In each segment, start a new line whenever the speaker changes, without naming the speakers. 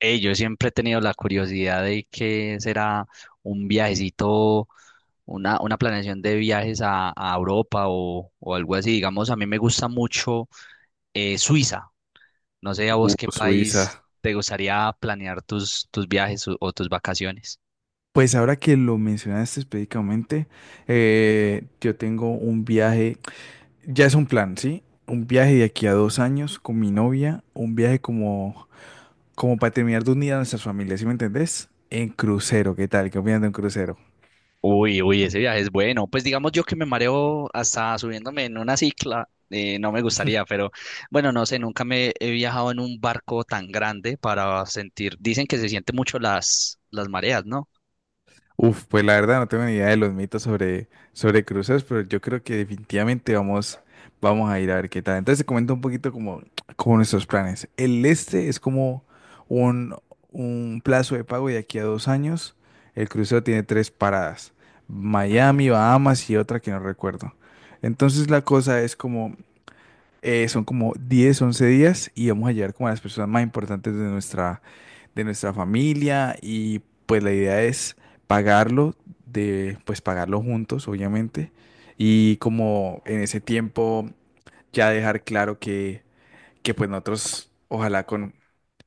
Yo siempre he tenido la curiosidad de qué será un viajecito, una planeación de viajes a Europa o algo así. Digamos, a mí me gusta mucho Suiza. No sé a vos qué
Suiza.
país te gustaría planear tus viajes o tus vacaciones.
Pues ahora que lo mencionaste específicamente, yo tengo un viaje, ya es un plan, ¿sí? Un viaje de aquí a 2 años con mi novia, un viaje como para terminar de unir a nuestras familias, ¿sí me entendés? En crucero, ¿qué tal? ¿Qué opinas de un crucero?
Uy, ese viaje es bueno. Pues digamos yo que me mareo hasta subiéndome en una cicla, no me gustaría, pero bueno, no sé, nunca me he viajado en un barco tan grande para sentir, dicen que se siente mucho las mareas, ¿no?
Uf, pues la verdad no tengo ni idea de los mitos sobre cruceros, pero yo creo que definitivamente vamos a ir a ver qué tal. Entonces te comento un poquito como nuestros planes. El Este es como un, un plazo de pago de aquí a 2 años. El crucero tiene tres paradas, Miami, Bahamas y otra que no recuerdo. Entonces la cosa es como, son como 10, 11 días y vamos a llegar como a las personas más importantes de nuestra familia y pues la idea es pagarlo, de pues pagarlo juntos, obviamente, y como en ese tiempo ya dejar claro que pues nosotros, ojalá con,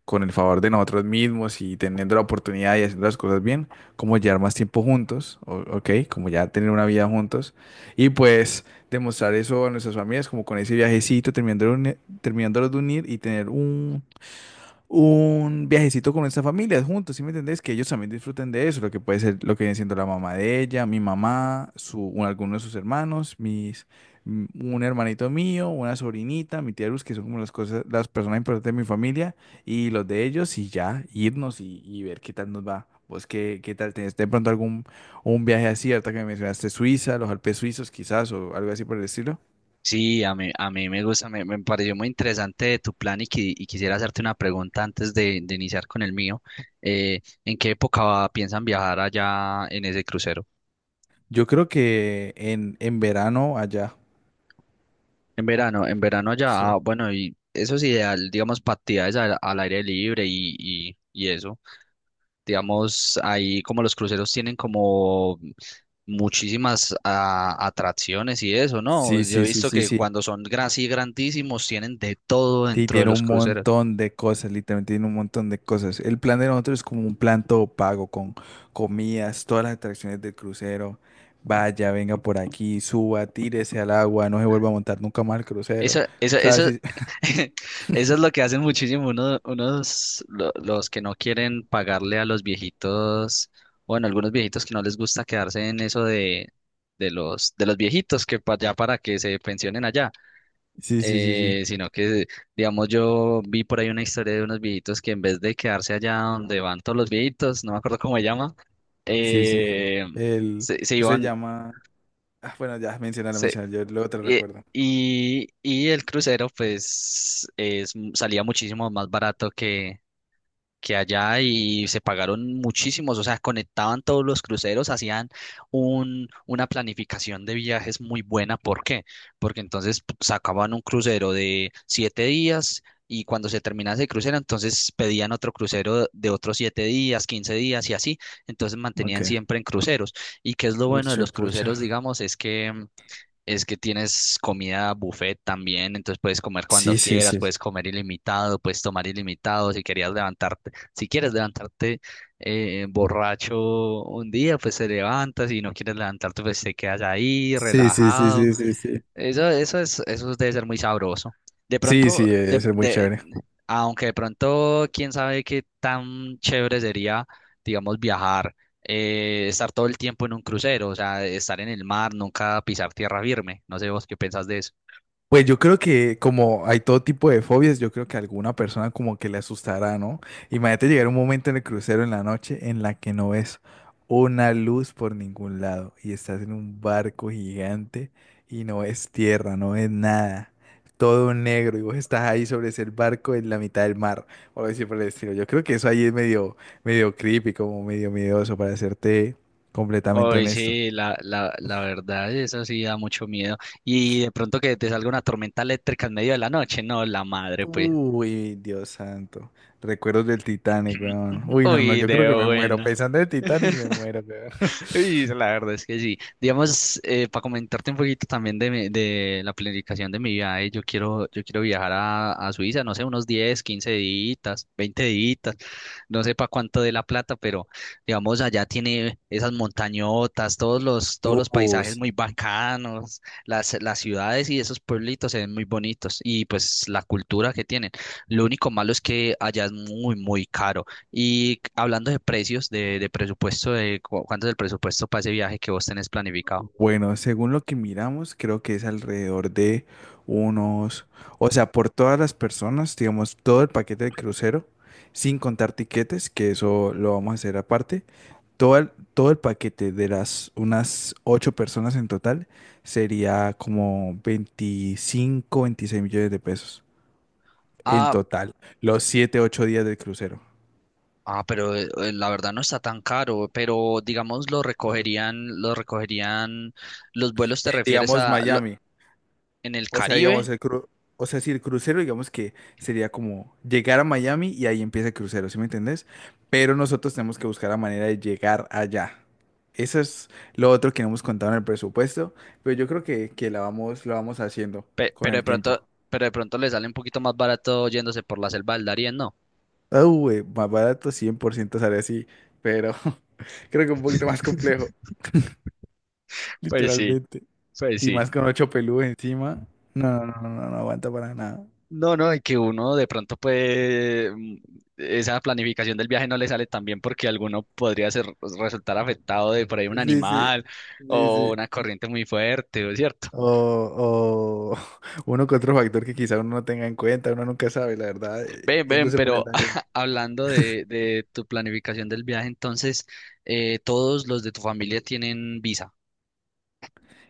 con el favor de nosotros mismos y teniendo la oportunidad y haciendo las cosas bien, como llevar más tiempo juntos, ¿ok? Como ya tener una vida juntos y pues demostrar eso a nuestras familias, como con ese viajecito, terminándolos de unir y tener un viajecito con nuestra familia juntos, ¿sí me entendés? Que ellos también disfruten de eso, lo que puede ser, lo que viene siendo la mamá de ella, mi mamá, alguno de sus hermanos, un hermanito mío, una sobrinita, mi tía Luz, que son como las cosas, las personas importantes de mi familia, y los de ellos, y ya, irnos y, ver qué tal nos va. ¿Vos qué tal tenés de pronto algún un viaje así, ahorita que me mencionaste Suiza, los Alpes suizos quizás, o algo así por el estilo?
Sí, a mí me gusta, me pareció muy interesante tu plan y, y quisiera hacerte una pregunta antes de iniciar con el mío. ¿En qué época piensan viajar allá en ese crucero?
Yo creo que en verano allá.
En verano allá,
Sí.
ah, bueno, y eso es ideal, digamos, para actividades al aire libre y eso. Digamos, ahí como los cruceros tienen como muchísimas atracciones y eso,
Sí,
¿no? Yo
sí,
he
sí,
visto
sí,
que
sí.
cuando son así grandísimos tienen de todo
Sí,
dentro de
tiene
los
un
cruceros.
montón de cosas, literalmente tiene un montón de cosas. El plan de nosotros es como un plan todo pago con comidas, todas las atracciones del crucero. Vaya, venga por aquí, suba, tírese al agua, no se vuelva a montar nunca más el crucero.
Eso, eso,
Cosas
eso,
así.
eso es lo que hacen muchísimo unos, los que no quieren pagarle a los viejitos, bueno, algunos viejitos que no les gusta quedarse en eso de, de los viejitos que ya para que se pensionen allá,
Sí, sí, sí, sí.
sino que, digamos, yo vi por ahí una historia de unos viejitos que en vez de quedarse allá donde van todos los viejitos, no me acuerdo cómo se llama,
Sí, sí.
eh,
El,
se
Eso se
iban.
llama. Ah, bueno, ya mencioné la mencioné, yo luego te lo
Y,
recuerdo.
y el crucero, pues, es, salía muchísimo más barato que allá y se pagaron muchísimos, o sea, conectaban todos los cruceros, hacían un, una planificación de viajes muy buena. ¿Por qué? Porque entonces sacaban un crucero de siete días. Y cuando se terminaba ese crucero, entonces pedían otro crucero de otros siete días, quince días y así. Entonces mantenían
Ok.
siempre en cruceros. ¿Y qué es lo bueno de
Pucha,
los
pucha.
cruceros, digamos? Es que es que tienes comida buffet también, entonces puedes comer cuando
Sí, sí,
quieras,
sí.
puedes comer ilimitado, puedes tomar ilimitado, si querías levantarte, si quieres levantarte borracho un día, pues te levantas, si no quieres levantarte, pues te quedas ahí
Sí, sí, sí,
relajado.
sí, sí, sí.
Eso, eso debe ser muy sabroso. De
Sí,
pronto,
sí, eso es muy chévere.
aunque de pronto, quién sabe qué tan chévere sería, digamos, viajar, estar todo el tiempo en un crucero, o sea, estar en el mar, nunca pisar tierra firme. No sé vos qué pensás de eso.
Pues yo creo que como hay todo tipo de fobias, yo creo que a alguna persona como que le asustará, ¿no? Imagínate llegar un momento en el crucero en la noche en la que no ves una luz por ningún lado y estás en un barco gigante y no ves tierra, no ves nada, todo negro y vos estás ahí sobre ese barco en la mitad del mar o algo así por el estilo. Yo creo que eso ahí es medio creepy, como medio miedoso para serte completamente
Hoy
honesto.
sí, la verdad, eso sí da mucho miedo. Y de pronto que te salga una tormenta eléctrica en medio de la noche, no, la madre, pues.
Uy, Dios santo. Recuerdos del Titanic, weón. Uy, no, no,
Uy,
yo creo
de
que me muero.
bueno.
Pensando en el Titanic, me muero, weón.
Y la verdad es que sí. Digamos, para comentarte un poquito también de, de la planificación de mi viaje, yo quiero viajar a Suiza, no sé, unos 10, 15 días, 20 días, no sé para cuánto de la plata, pero digamos, allá tiene esas montañotas, todos los
Oh,
paisajes muy
sí.
bacanos, las ciudades y esos pueblitos se ven muy bonitos, y pues la cultura que tienen. Lo único malo es que allá es muy, muy caro. Y hablando de precios, de presupuesto, de cuánto es el presupuesto para ese viaje que vos tenés planificado.
Bueno, según lo que miramos, creo que es alrededor de unos, o sea, por todas las personas, digamos, todo el paquete de crucero, sin contar tiquetes, que eso lo vamos a hacer aparte, todo el paquete de las unas ocho personas en total sería como 25, 26 millones de pesos. En
Ah,
total, los 7, 8 días del crucero.
ah, pero la verdad no está tan caro, pero digamos lo recogerían, los vuelos te
En,
refieres
digamos,
a
Miami.
en el
O sea,
Caribe.
digamos, o sea, si el crucero, digamos que sería como llegar a Miami y ahí empieza el crucero, ¿sí me entendés? Pero nosotros tenemos que buscar la manera de llegar allá. Eso es lo otro que no hemos contado en el presupuesto, pero yo creo que lo vamos haciendo
Pe-
con
pero de
el tiempo.
pronto, pero de pronto le sale un poquito más barato yéndose por la selva del Darién, ¿no?
Ah, güey, más barato 100% sale así, pero creo que un poquito más complejo,
Pues sí,
literalmente.
pues
Y
sí.
más con ocho pelús encima. No, no, no, no, no aguanta para nada.
No, no, y que uno de pronto puede, esa planificación del viaje no le sale tan bien porque alguno podría ser, pues, resultar afectado de por ahí un
Sí, sí,
animal
sí,
o
sí.
una corriente muy fuerte, ¿o es cierto?
O uno que otro factor que quizá uno no tenga en cuenta, uno nunca sabe, la verdad,
Ven, ven,
yéndose por el
pero
talento.
hablando de tu planificación del viaje, entonces, todos los de tu familia tienen visa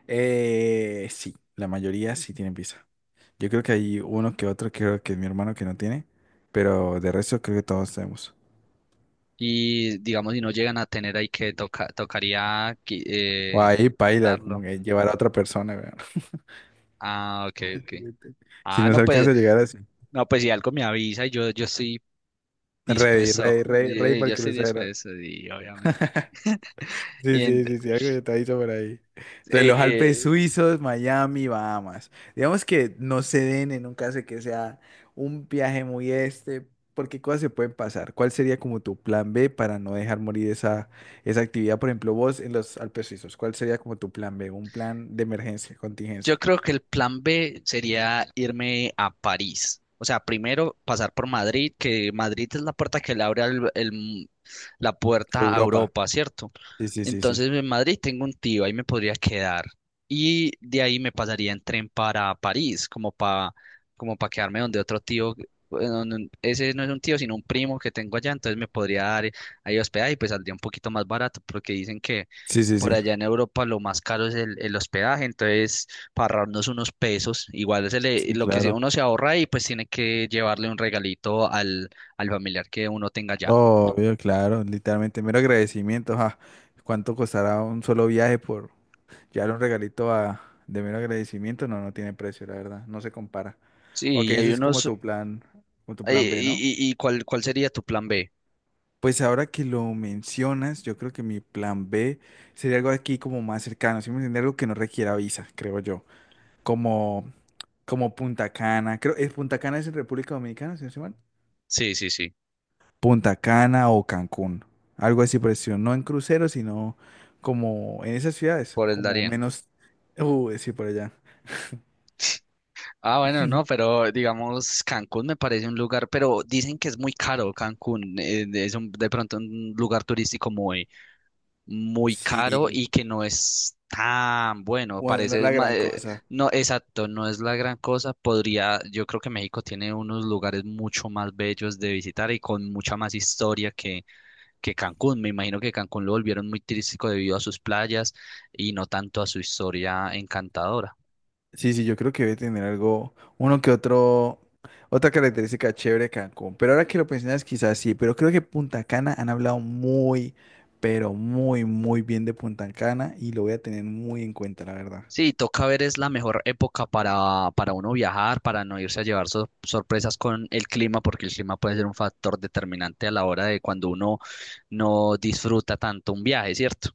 Sí, la mayoría sí tienen visa. Yo creo que hay uno que otro, creo que es mi hermano que no tiene, pero de resto creo que todos tenemos.
y digamos si no llegan a tener ahí que toca,
O ahí paila, como
darlo.
que llevar a otra persona, weón.
Ah, ok, ok.
Si
Ah,
nos
no, pues,
alcanza a llegar así.
no, pues si algo me avisa y yo estoy
Ready,
dispuesto,
ready, ready, ready para el
yo estoy
crucero.
dispuesto y obviamente.
Sí,
Y en-
sí, sí, sí, algo detallito por ahí. Entonces, los Alpes
eh,
suizos, Miami, Bahamas. Digamos que no se den en un caso de que sea un viaje muy este, porque cosas se pueden pasar. ¿Cuál sería como tu plan B para no dejar morir esa actividad? Por ejemplo, vos en los Alpes suizos, ¿cuál sería como tu plan B? Un plan de emergencia, contingencia.
Yo creo que el plan B sería irme a París. O sea, primero pasar por Madrid, que Madrid es la puerta que le abre al- el la puerta a
Europa.
Europa, ¿cierto?
Sí, sí, sí, sí.
Entonces en Madrid tengo un tío, ahí me podría quedar. Y de ahí me pasaría en tren para París, como para quedarme donde otro tío, bueno, no- ese no es un tío, sino un primo que tengo allá, entonces me podría dar ahí hospedaje y pues saldría un poquito más barato, porque dicen que
Sí, sí,
por
sí.
allá en Europa lo más caro es el hospedaje, entonces para ahorrarnos unos pesos. Igual se le-
Sí,
lo que se-
claro.
uno se ahorra y pues tiene que llevarle un regalito al, al familiar que uno tenga ya.
Obvio, claro, literalmente, mero agradecimiento. ¿Cuánto costará un solo viaje por, ya un regalito a, de mero agradecimiento? No, no tiene precio, la verdad, no se compara. Ok,
Sí, y
ese
hay
es como
unos...
tu
eh,
plan B, ¿no?
¿Y, y, y cuál, cuál sería tu plan B?
Pues ahora que lo mencionas, yo creo que mi plan B sería algo aquí como más cercano, ¿sí me entiendes? Algo que no requiera visa, creo yo. Como, como Punta Cana, creo, ¿es Punta Cana es en República Dominicana, si no estoy mal?
Sí, sí, sí,
Punta Cana o Cancún, algo así por el estilo, no en crucero, sino como en esas ciudades,
por el
como
Darién.
menos, sí, por allá.
Ah, bueno, no, pero digamos, Cancún me parece un lugar, pero dicen que es muy caro Cancún, es un, de pronto un lugar turístico muy caro
Sí,
y que no es tan bueno.
bueno, no es
Parece,
la gran cosa.
no, exacto, no es la gran cosa. Podría, yo creo que México tiene unos lugares mucho más bellos de visitar y con mucha más historia que Cancún. Me imagino que Cancún lo volvieron muy turístico debido a sus playas y no tanto a su historia encantadora.
Sí, sí, yo creo que debe tener algo, uno que otro, otra característica chévere de Cancún. Pero ahora que lo mencionas, quizás sí, pero creo que Punta Cana han hablado muy, pero muy, muy bien de Punta Cana y lo voy a tener muy en cuenta, la verdad.
Sí, toca ver, es la mejor época para uno viajar, para no irse a llevar sorpresas con el clima, porque el clima puede ser un factor determinante a la hora de cuando uno no disfruta tanto un viaje, ¿cierto?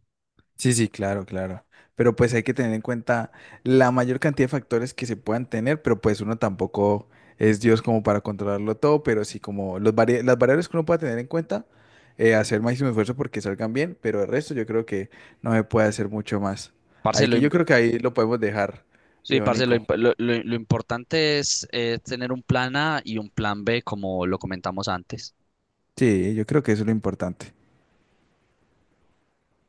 Sí, sí, claro, claro. Pero pues hay que tener en cuenta la mayor cantidad de factores que se puedan tener, pero pues uno tampoco es Dios como para controlarlo todo, pero sí como las variables que uno pueda tener en cuenta, hacer máximo esfuerzo porque salgan bien, pero el resto yo creo que no se puede hacer mucho más.
Parce,
Ahí
lo,
que
im-
yo creo que ahí lo podemos dejar,
sí,
viejo
parce, lo,
Nico.
imp- lo- lo- lo importante es tener un plan A y un plan B, como lo comentamos antes.
Sí, yo creo que eso es lo importante.